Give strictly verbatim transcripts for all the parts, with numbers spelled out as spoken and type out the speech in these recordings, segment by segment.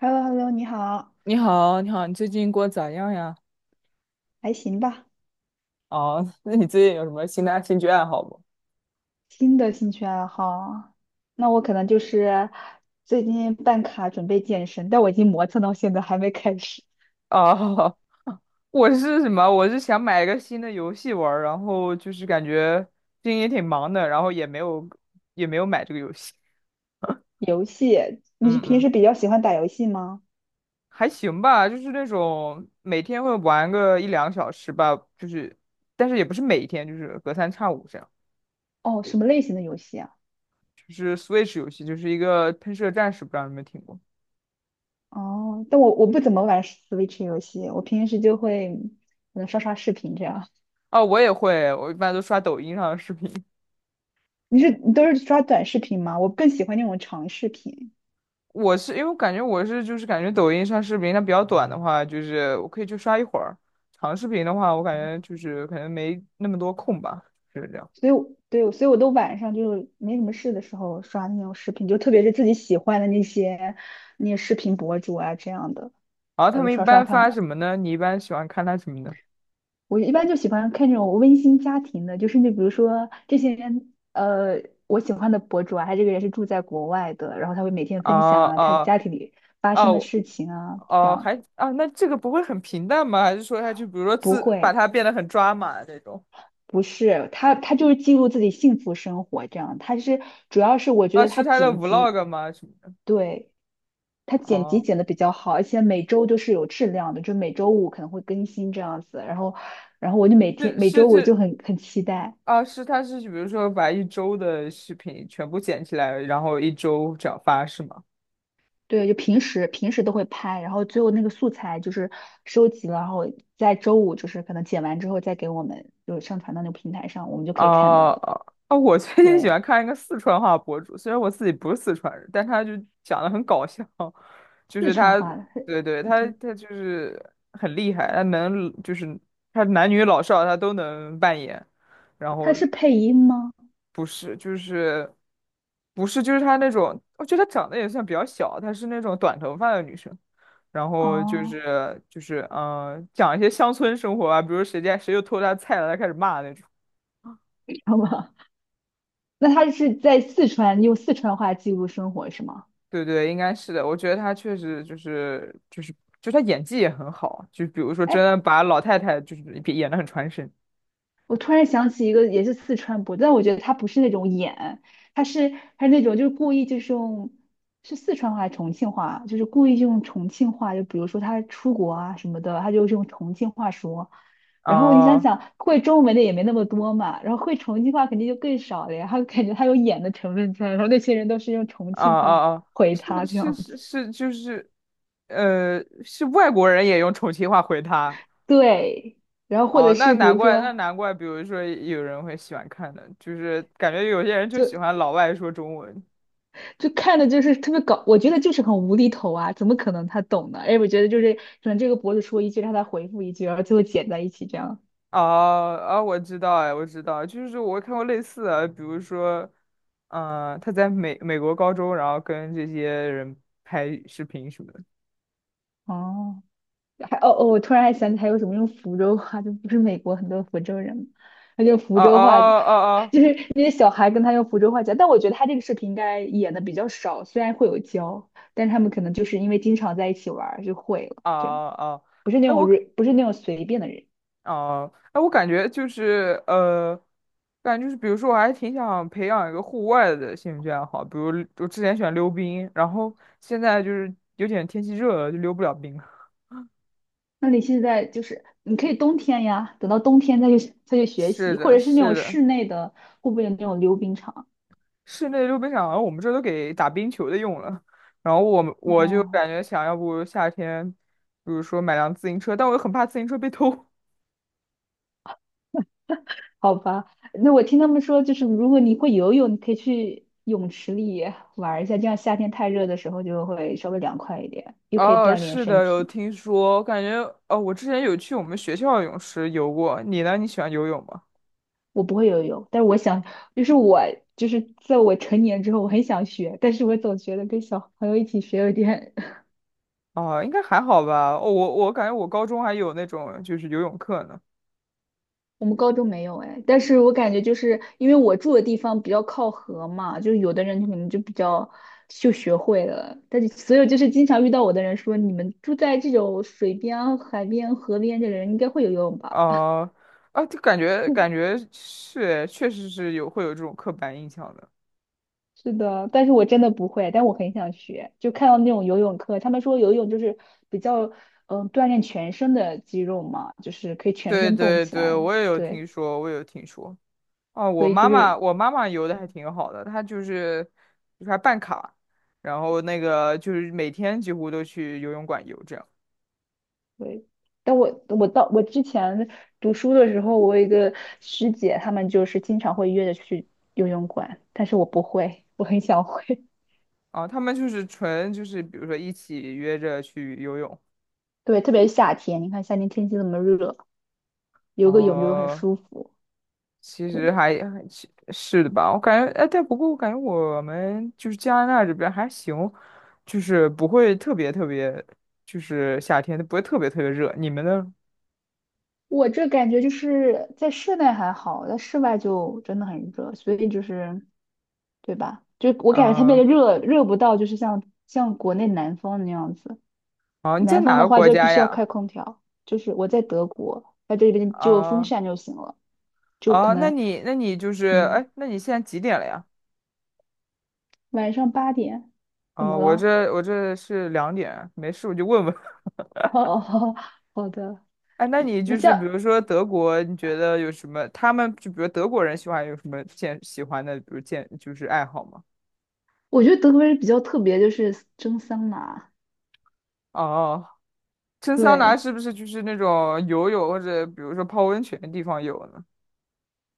h e l l o h e l l o 你好，你好，你好，你最近过得咋样呀？还行吧？哦，那你最近有什么新的兴趣爱好不？新的兴趣爱好，那我可能就是最近办卡准备健身，但我已经磨蹭到现在还没开始。哦，我是什么？我是想买一个新的游戏玩儿，然后就是感觉最近也挺忙的，然后也没有也没有买这个游戏。游戏，你是嗯平嗯，时比较喜欢打游戏吗？还行吧，就是那种每天会玩个一两个小时吧，就是但是也不是每天，就是隔三差五这样。哦，什么类型的游戏啊？就是 Switch 游戏，就是一个喷射战士，不知道你们听过？哦，但我我不怎么玩 Switch 游戏，我平时就会可能刷刷视频这样。哦，我也会，我一般都刷抖音上的视频。你是你都是刷短视频吗？我更喜欢那种长视频。我是因为我感觉我是就是感觉抖音上视频它比较短的话，就是我可以去刷一会儿；长视频的话，我感觉就是可能没那么多空吧，就是这样。所以我对，所以我都晚上就没什么事的时候刷那种视频，就特别是自己喜欢的那些那些视频博主啊这样的，然后他然后们就一刷刷般他发们。什么呢？你一般喜欢看他什么呢？我一般就喜欢看这种温馨家庭的，就是你比如说这些人，呃，我喜欢的博主啊，他这个人是住在国外的，然后他会每天分啊享啊他啊家庭里发生啊！的我事情啊，这哦，样还啊，那这个不会很平淡吗？还是说他就比如说不自把会。它变得很抓马那种？不是，他他就是记录自己幸福生活，这样。他是主要是我觉啊，得是他他的 剪辑，vlog 吗？什么的？对。他剪辑哦，剪的比较好，而且每周都是有质量的，就每周五可能会更新这样子。然后，然后我就每天是每是周五就是很很期待，啊，是他是比如说把一周的视频全部剪起来，然后一周这样发是吗？对，就平时平时都会拍，然后最后那个素材就是收集了，然后在周五就是可能剪完之后再给我们就上传到那个平台上，我们就可以看啊到了。啊！我最近喜对，欢看一个四川话博主，虽然我自己不是四川人，但他就讲的很搞笑，就四是川他，话的，对对，他对，他就是很厉害，他能就是他男女老少他都能扮演，然他后是配音吗？不是就是不是就是他那种，我觉得他长得也算比较小，她是那种短头发的女生，然后就哦，是就是嗯、呃讲一些乡村生活啊，比如谁家谁又偷他菜了，他开始骂那种。好吧，那他是在四川用四川话记录生活是吗？对对，应该是的。我觉得他确实就是就是就他演技也很好，就比如说真哎。的把老太太就是演得很传神。我突然想起一个也是四川播的，但我觉得他不是那种演，他是他是那种就是故意就是用是四川话还是重庆话，就是故意用重庆话，就比如说他出国啊什么的，他就是用重庆话说。然后你想哦想，会中文的也没那么多嘛，然后会重庆话肯定就更少了呀。他感觉他有演的成分在，然后那些人都是用重哦庆话哦哦，回他这是是样是子。是，就是，呃，是外国人也用重庆话回他。对，然后或哦，者那是比难如怪，那说，难怪，比如说有人会喜欢看的，就是感觉有些人就喜就欢老外说中文。就看的就是特别搞，我觉得就是很无厘头啊，怎么可能他懂呢？哎，我觉得就是可能这个博主说一句，让他回复一句，然后最后剪在一起这样。啊啊，我知道哎，我知道，就是我看过类似的，比如说，嗯、他在美美国高中，然后跟这些人拍视频什么的。哦，还哦哦，我突然还想起还有什么用福州话，就不是美国很多福州人嘛，他就福哦哦州话，就哦是那些小孩跟他用福州话讲。但我觉得他这个视频应该演的比较少，虽然会有教，但是他们可能就是因为经常在一起玩儿就会了，哦这样哦哦哦，啊啊啊不是那哎种 我 re- 不是那种随便的人。哦哎我感觉就是呃，感觉就是比如说我还挺想培养一个户外的兴趣爱好，比如我之前喜欢溜冰，然后现在就是有点天气热了，就溜不了冰了。那你现在就是你可以冬天呀，等到冬天再去再去学是习，或的，者是那是种的。室内的，会不会有那种溜冰场？室内溜冰场，我们这都给打冰球的用了。然后我们我就感哦，觉想要不夏天，比如说买辆自行车，但我又很怕自行车被偷。好吧，那我听他们说，就是如果你会游泳，你可以去泳池里玩一下，这样夏天太热的时候就会稍微凉快一点，又可以哦，锻炼是身的，有体。听说，感觉哦，我之前有去我们学校的泳池游过。你呢？你喜欢游泳吗？我不会游泳，但是我想，就是我就是在我成年之后，我很想学，但是我总觉得跟小朋友一起学有点。啊，应该还好吧。哦，我我感觉我高中还有那种就是游泳课呢。我们高中没有哎，但是我感觉就是因为我住的地方比较靠河嘛，就有的人可能就比较就学会了，但是所有就是经常遇到我的人说，你们住在这种水边啊海边、河边的人应该会游泳吧？啊啊，就感觉感 觉是，确实是有会有这种刻板印象的。是的，但是我真的不会，但我很想学。就看到那种游泳课，他们说游泳就是比较嗯、呃锻炼全身的肌肉嘛，就是可以全对身动对起对，来。我也有对，听说，我也有听说。哦，所我以就妈妈，是我妈妈游的还挺好的，她就是就是还办卡，然后那个就是每天几乎都去游泳馆游这样。对，但我我到我之前读书的时候，我有一个师姐，她们就是经常会约着去游泳馆，但是我不会，我很想会。啊，他们就是纯就是比如说一起约着去游泳，对，特别是夏天，你看夏天天气那么热，游个泳就很哦，舒服。其对，实还还其是的吧，我感觉，哎，但不过我感觉我们就是加拿大这边还行，就是不会特别特别，就是夏天不会特别特别热。你们呢？我这感觉就是在室内还好，在室外就真的很热，所以就是对吧？就我感觉特别啊、的热，热不到就是像像国内南方那样子。啊，你在南方哪的个话国就必家须要呀？开空调，就是我在德国，在这边就有风啊、扇就行了，就可啊，那能。你那你就是，嗯哎，那你现在几点了呀？晚上八点，怎啊，么我了？这我这是两点，没事我就问问。哦，好的，哎，那你那就是比如像说德国，你觉得有什么？他们就比如德国人喜欢有什么健喜欢的，比如健就是爱好吗？我觉得德国人比较特别，就是蒸桑拿，哦，蒸桑拿对，是不是就是那种游泳或者比如说泡温泉的地方有呢？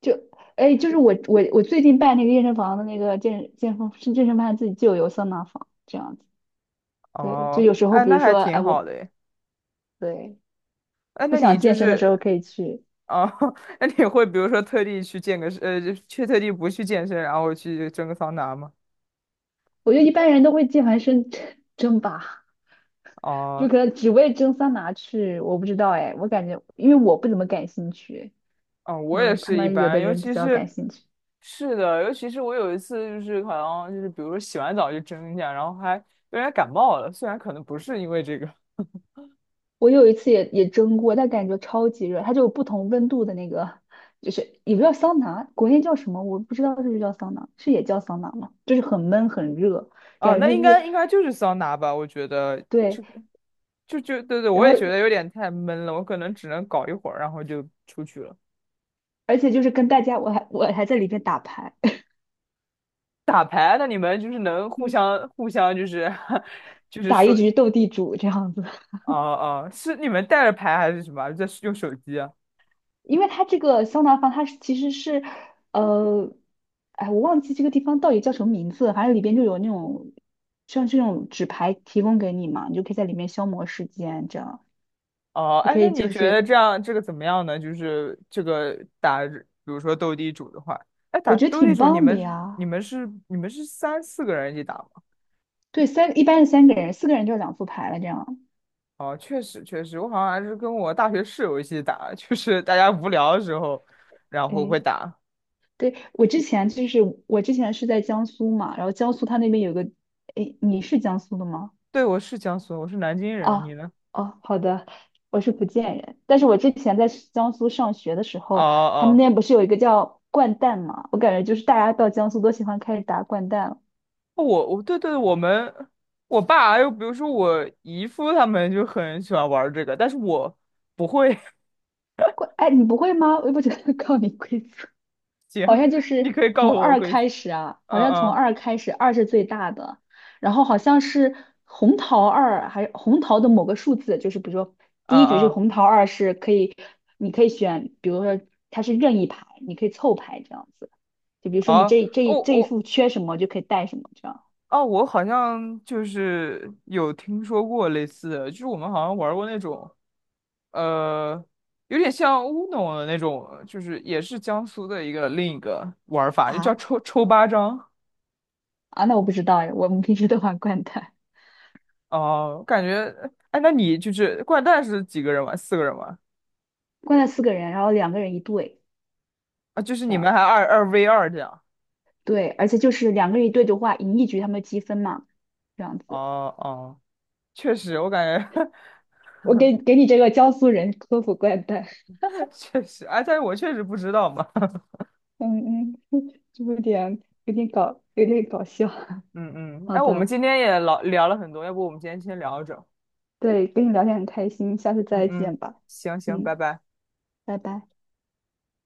就哎就是我我我最近办那个健身房的那个健健身是健身房自己就有桑拿房这样子，对，就哦，有时候哎，比那如还说哎挺好我的诶。对哎，不那想你就健身的是时候可以去，哦，那你会比如说特地去健个身，呃，就去特地不去健身，然后去蒸个桑拿吗？我觉得一般人都会健完身 蒸吧。就哦。可能只为蒸桑拿去，我不知道哎，我感觉因为我不怎么感兴趣，嗯，可我也能他是一们有般，的尤人比其较感是，兴趣。是的，尤其是我有一次就是好像就是比如说洗完澡就蒸一下，然后还有点感冒了，虽然可能不是因为这个我有一次也也蒸过，但感觉超级热，它就有不同温度的那个，就是也不叫桑拿，国内叫什么我不知道是不是叫桑拿，是也叫桑拿吗？就是很闷很热，啊，感那觉应就是该应该就是桑拿吧，我觉得就对，就就对对，然我后也觉得有点太闷了，我可能只能搞一会儿，然后就出去了。而且就是跟大家我还我还在里面打牌，打牌，那你们就是能互相 互相就是 就是打说，一局斗地主这样子。哦、哦、是你们带着牌还是什么？在用手机啊？因为它这个桑拿房，它是其实是，呃，哎，我忘记这个地方到底叫什么名字了，反正里边就有那种像这种纸牌提供给你嘛，你就可以在里面消磨时间，这样哦，你哎，可那以你就觉得是，这样这个怎么样呢？就是这个打，比如说斗地主的话，哎，打我觉得斗地挺主，你棒的们是你呀。们是你们是三四个人一起打吗？对，三一般是三个人，四个人就是两副牌了，这样。哦，确实确实，我好像还是跟我大学室友一起打，就是大家无聊的时候，然后哎，会打。对，我之前就是我之前是在江苏嘛，然后江苏它那边有个，哎，你是江苏的吗？对，我是江苏人我是南京人，你啊呢？哦，好的，我是福建人，但是我之前在江苏上学的时哦候，他们那哦，边不是有一个叫掼蛋嘛？我感觉就是大家到江苏都喜欢开始打掼蛋了。哦我我对对，我们我爸还有比如说我姨夫他们就很喜欢玩儿这个，但是我不会。掼，哎，你不会吗？我也不觉得 靠你规则。好行，像就你是可以告从诉我二规则。开始啊，好嗯像从嗯二开始，二是最大的，然后好像是红桃二，还红桃的某个数字，就是比如说第一嗯局是嗯。红桃二是可以，你可以选，比如说它是任意牌，你可以凑牌这样子，就比如说你啊，这哦这这一我副缺什么就可以带什么这样啊，我好像就是有听说过类似的，就是我们好像玩过那种，呃，有点像乌龙的那种，就是也是江苏的一个另一个玩法，就叫啊，抽抽八张。啊，那我不知道哎，我们平时都玩掼蛋，哦、感觉，哎，那你就是掼蛋是几个人玩？四个人玩掼蛋四个人，然后两个人一对，啊？就是这你样，们还二二 v 二这样？对，而且就是两个人一对的话，赢一局他们积分嘛，这样子。哦哦，确实，我感觉 我给给你这个江苏人科普怪诞，确实，哎，但是我确实不知道嘛。嗯嗯，就有点有点搞有点搞笑。嗯嗯，好哎，我们的，今天也老聊了很多，要不我们今天先聊着。对，跟你聊天很开心，下次嗯再嗯，见吧。行行，拜嗯，拜。拜拜。